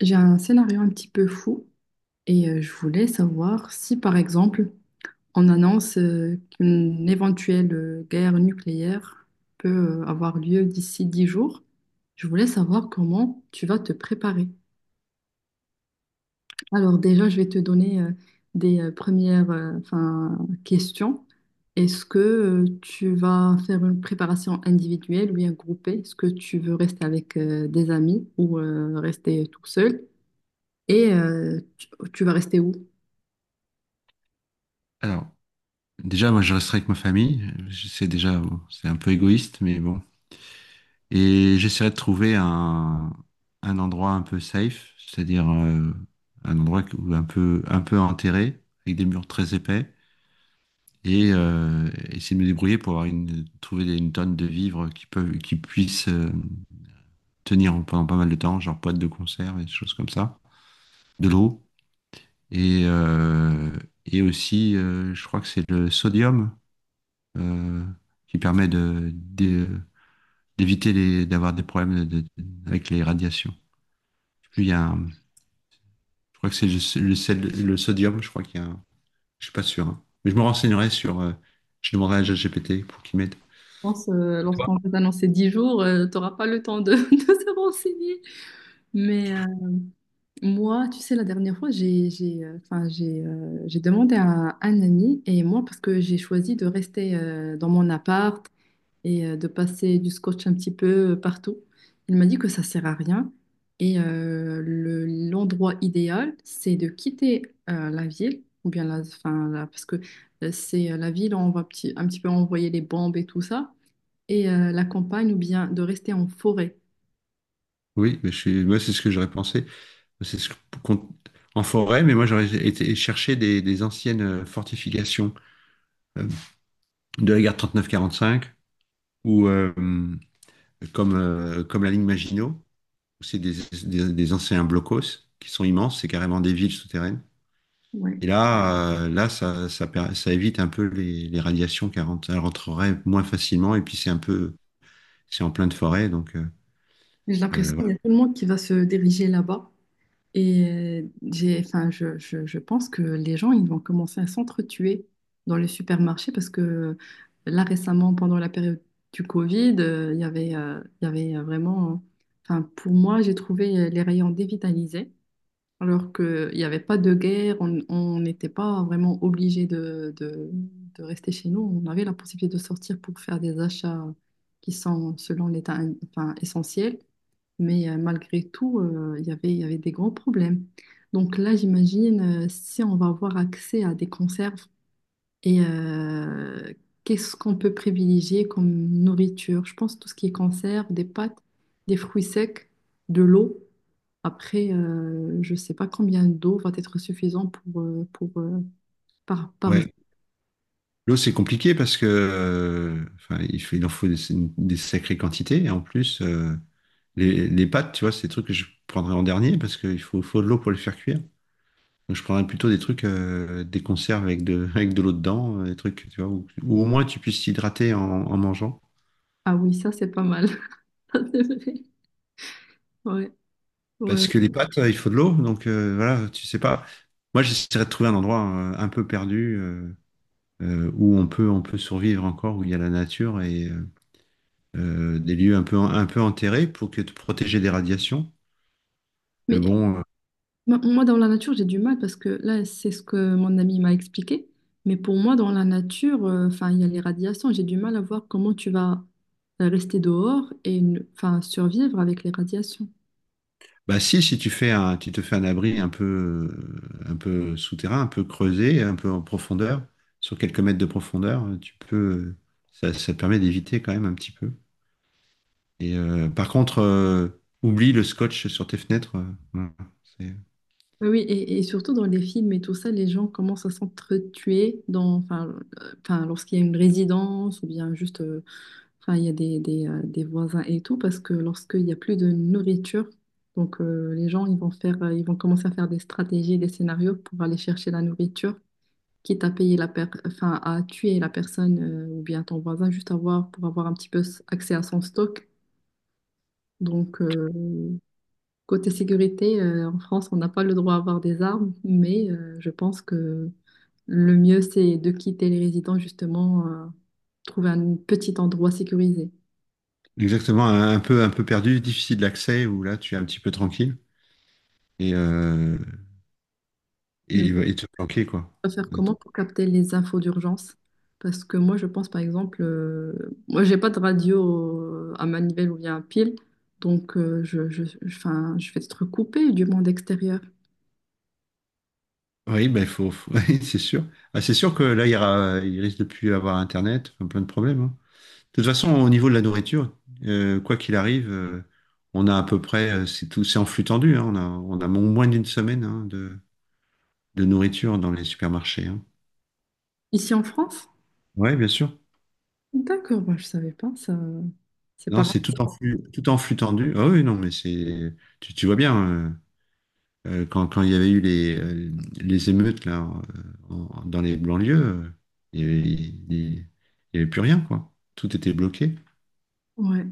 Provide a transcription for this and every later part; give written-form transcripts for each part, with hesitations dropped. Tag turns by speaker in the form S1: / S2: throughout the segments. S1: J'ai un scénario un petit peu fou et je voulais savoir si, par exemple, on annonce qu'une éventuelle guerre nucléaire peut avoir lieu d'ici 10 jours. Je voulais savoir comment tu vas te préparer. Alors déjà, je vais te donner des premières enfin, questions. Est-ce que tu vas faire une préparation individuelle ou bien groupée? Est-ce que tu veux rester avec des amis ou rester tout seul? Et tu vas rester où?
S2: Alors, déjà, moi, je resterai avec ma famille. Je sais déjà, bon, c'est un peu égoïste, mais bon. Et j'essaierai de trouver un endroit un peu safe, c'est-à-dire un endroit où un peu enterré, avec des murs très épais, et essayer de me débrouiller pour avoir une, trouver des- une tonne de vivres qui puissent tenir pendant pas mal de temps, genre boîtes de conserve et des choses comme ça, de l'eau, et, euh, et aussi, je crois que c'est le sodium, euh, qui permet d'éviter d'avoir des problèmes avec les radiations. Puis il y a je crois que c'est le sodium, je crois qu'il y a je suis pas sûr, hein. Mais je me renseignerai je demanderai à ChatGPT pour qu'il m'aide.
S1: Pense, lorsqu'on va t'annoncer 10 jours, tu n'auras pas le temps de, de se renseigner. Mais moi, tu sais, la dernière fois, enfin, j'ai demandé à un, ami et moi, parce que j'ai choisi de rester dans mon appart et de passer du scotch un petit peu partout, il m'a dit que ça sert à rien. Et l'endroit idéal, c'est de quitter la ville, ou bien enfin, parce que c'est la ville où on va un petit peu envoyer les bombes et tout ça et la campagne ou bien de rester en forêt.
S2: Oui, mais moi, c'est ce que j'aurais pensé. C'est ce qu'on- en forêt, mais moi, j'aurais été chercher des anciennes fortifications euh, de la guerre 39-45 ou comme, comme la ligne Maginot. C'est des anciens blocos qui sont immenses, c'est carrément des villes souterraines.
S1: Ouais.
S2: Et là ça évite un peu les radiations elles rentreraient moins facilement. Et puis c'est en pleine forêt, donc
S1: J'ai l'impression qu'il
S2: voilà.
S1: y a tout le monde qui va se diriger là-bas. Et enfin, je pense que les gens, ils vont commencer à s'entretuer dans les supermarchés parce que là, récemment, pendant la période du Covid, il y avait vraiment, enfin, pour moi, j'ai trouvé les rayons dévitalisés. Alors qu'il n'y avait pas de guerre, on n'était pas vraiment obligé de rester chez nous. On avait la possibilité de sortir pour faire des achats qui sont, selon l'État, enfin, essentiels. Mais malgré tout, il y avait des grands problèmes. Donc là, j'imagine, si on va avoir accès à des conserves et qu'est-ce qu'on peut privilégier comme nourriture? Je pense tout ce qui est conserve, des pâtes, des fruits secs, de l'eau. Après, je ne sais pas combien d'eau va être suffisant par jour.
S2: Ouais. L'eau, c'est compliqué parce que, enfin, il en faut des sacrées quantités. Et en plus, les pâtes, tu vois, c'est des trucs que je prendrais en dernier parce qu'il faut de l'eau pour les faire cuire. Donc, je prendrais plutôt des trucs, des conserves avec de, avec de l'eau dedans, des trucs, tu vois, où au moins tu puisses t'hydrater en mangeant.
S1: Ah oui, ça, c'est pas mal. Ça, c'est vrai. Ouais, ouais.
S2: Parce que les pâtes, il faut de l'eau, donc voilà, tu sais pas. Moi, j'essaierais de trouver un endroit un peu perdu, où on peut survivre encore, où il y a la nature et des lieux un peu enterrés pour que te protéger des radiations. Mais
S1: Mais
S2: bon,
S1: moi, dans la nature, j'ai du mal parce que là, c'est ce que mon ami m'a expliqué. Mais pour moi, dans la nature, enfin, il y a les radiations. J'ai du mal à voir comment tu vas rester dehors et enfin, survivre avec les radiations.
S2: bah, si, tu te fais un abri un peu souterrain, un peu creusé, un peu en profondeur, sur quelques mètres de profondeur, ça te permet d'éviter quand même un petit peu. Et par contre, oublie le scotch sur tes fenêtres. Voilà. C'est
S1: Oui, oui, et surtout dans les films et tout ça, les gens commencent à s'entretuer enfin, lorsqu'il y a une résidence ou bien juste, enfin, il y a des voisins et tout, parce que lorsqu'il n'y a plus de nourriture, donc les gens, ils vont commencer à faire des stratégies, des scénarios pour aller chercher la nourriture, quitte à payer la enfin, à tuer la personne ou bien ton voisin, pour avoir un petit peu accès à son stock. Donc, côté sécurité, en France, on n'a pas le droit à avoir des armes, mais je pense que le mieux, c'est de quitter les résidents, justement, trouver un petit endroit sécurisé.
S2: exactement un peu perdu, difficile d'accès, où là tu es un petit peu tranquille et, euh, et,
S1: Mais
S2: et te planquer, quoi.
S1: on va faire comment pour capter les infos d'urgence? Parce que moi, je pense, par exemple, moi, j'ai pas de radio à manivelle ou bien à pile, donc je 'fin, je vais être coupée du monde extérieur.
S2: Oui, bah, oui, c'est sûr. Ah, c'est sûr que là il risque de plus avoir Internet, enfin, plein de problèmes, hein. De toute façon, au niveau de la nourriture, quoi qu'il arrive, on a à peu près, c'est tout, c'est en flux tendu, hein, moins d'une semaine, hein, de nourriture dans les supermarchés, hein.
S1: Ici en France?
S2: Ouais, bien sûr.
S1: D'accord, moi, je savais pas, ça, c'est
S2: Non,
S1: pas
S2: c'est
S1: grave.
S2: tout en flux tendu. Ah oui, non, mais tu vois bien, quand il y avait eu les émeutes là, dans les banlieues, il n'y avait, il y avait plus rien, quoi. Tout était bloqué.
S1: Ouais.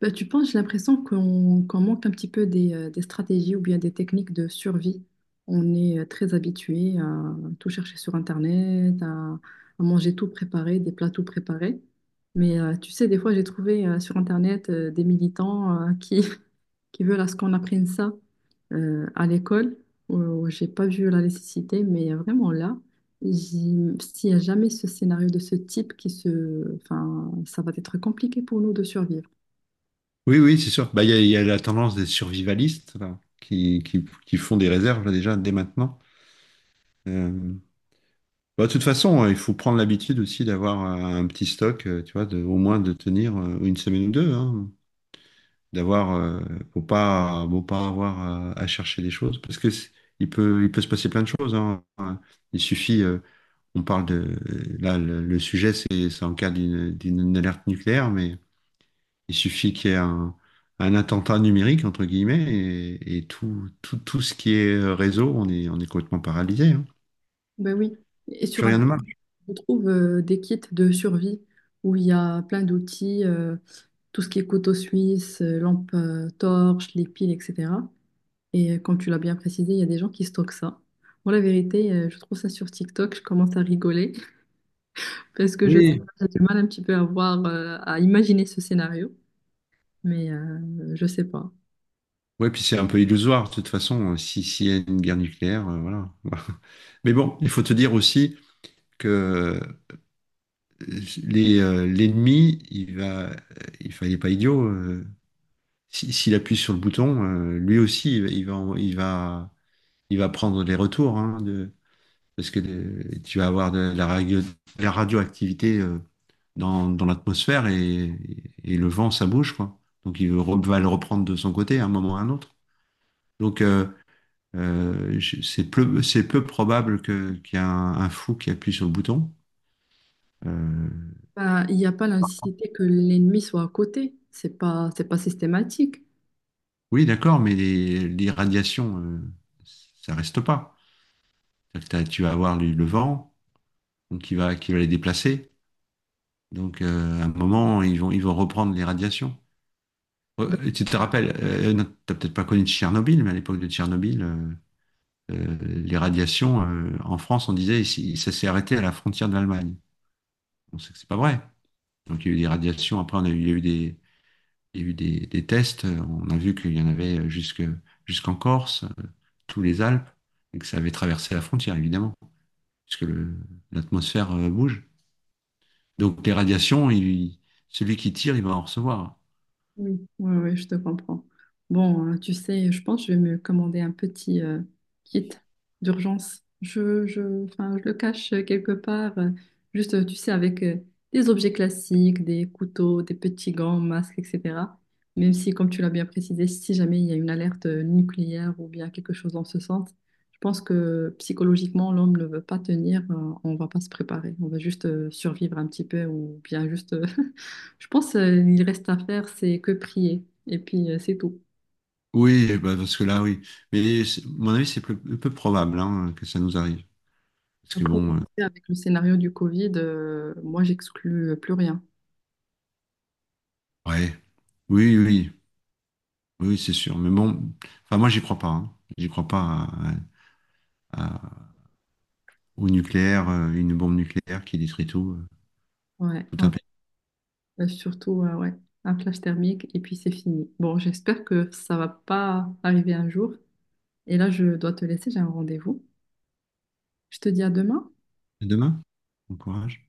S1: Bah, tu penses, j'ai l'impression qu'on manque un petit peu des stratégies ou bien des techniques de survie. On est très habitué à tout chercher sur Internet, à manger tout préparé, des plats tout préparés. Mais tu sais, des fois, j'ai trouvé sur Internet des militants qui, qui veulent à ce qu'on apprenne ça à l'école où j'ai pas vu la nécessité, mais vraiment là, j'y- s'il n'y a jamais ce scénario de ce type enfin, ça va être compliqué pour nous de survivre.
S2: Oui, oui, c'est sûr. Bah, il y a la tendance des survivalistes là, qui font des réserves là, déjà dès maintenant. Euh, bah, de toute façon, il faut prendre l'habitude aussi d'avoir un petit stock, tu vois, au moins de tenir une semaine ou deux, hein, d'avoir, faut pas avoir à chercher des choses parce que il peut se passer plein de choses, hein. Il suffit, on parle de, là, le sujet, c'est en cas d'une alerte nucléaire, mais il suffit qu'il y ait un attentat numérique, entre guillemets, et tout ce qui est réseau, on est complètement paralysé, hein.
S1: Ben oui, et
S2: Plus
S1: sur
S2: rien
S1: Internet,
S2: ne marche.
S1: on trouve des kits de survie où il y a plein d'outils, tout ce qui est couteau suisse, lampe torche, les piles, etc. Et comme tu l'as bien précisé, il y a des gens qui stockent ça. Moi, la vérité, je trouve ça sur TikTok, je commence à rigoler parce que je sais pas,
S2: Oui.
S1: j'ai du mal un petit peu à voir, à imaginer ce scénario, mais je sais pas.
S2: Ouais, puis c'est un peu illusoire, de toute façon, si, s'il y a une guerre nucléaire, voilà. Mais bon, il faut te dire aussi que l'ennemi, il va, il fa- il est pas idiot. S'il appuie sur le bouton, lui aussi, il va, en- il va prendre les retours, hein, parce que tu vas avoir de la radioactivité dans l'atmosphère et le vent, ça bouge, quoi. Donc il va le reprendre de son côté à un moment ou à un autre. Donc c'est peu probable qu'il y ait un fou qui appuie sur le bouton. Euh,
S1: Bah, il n'y a pas la nécessité que l'ennemi soit à côté, c'est pas systématique.
S2: oui, d'accord, mais les radiations, ça reste pas. C'est-à-dire que tu vas avoir le vent donc qui va les déplacer. Donc à un moment, ils vont reprendre les radiations. Ouais, tu te rappelles, non, t'as peut-être pas connu Tchernobyl, mais à l'époque de Tchernobyl, euh, les radiations, en France, on disait, ici, ça s'est arrêté à la frontière de l'Allemagne. On sait que c'est pas vrai. Donc il y a eu des radiations, après il y a eu des, il y a eu des tests, on a vu qu'il y en avait jusqu'en Corse, tous les Alpes, et que ça avait traversé la frontière, évidemment, puisque l'atmosphère bouge. Donc les radiations, celui qui tire, il va en recevoir.
S1: Oui, ouais, ouais, je te comprends. Bon, tu sais, je pense que je vais me commander un petit kit d'urgence. Enfin, je le cache quelque part, juste, tu sais, avec des objets classiques, des couteaux, des petits gants, masques, etc. Même si, comme tu l'as bien précisé, si jamais il y a une alerte nucléaire ou bien quelque chose dans ce sens, je pense que psychologiquement, l'homme ne veut pas tenir, on va pas se préparer. On va juste survivre un petit peu ou bien juste Je pense il reste à faire, c'est que prier. Et puis, c'est tout.
S2: Oui, bah, parce que là, oui. Mais mon avis, c'est peu probable, hein, que ça nous arrive. Parce que
S1: Après, tu
S2: bon,
S1: sais, avec le scénario du Covid, moi, j'exclus plus rien.
S2: ouais. Oui, oui, oui, c'est sûr. Mais bon, enfin, moi, j'y crois pas, hein. J'y crois pas à- au nucléaire, une bombe nucléaire qui détruit
S1: Ouais,
S2: tout un
S1: ouais.
S2: pays.
S1: Surtout, ouais, un flash thermique et puis c'est fini. Bon, j'espère que ça va pas arriver un jour. Et là, je dois te laisser, j'ai un rendez-vous. Je te dis à demain.
S2: À demain. Bon courage.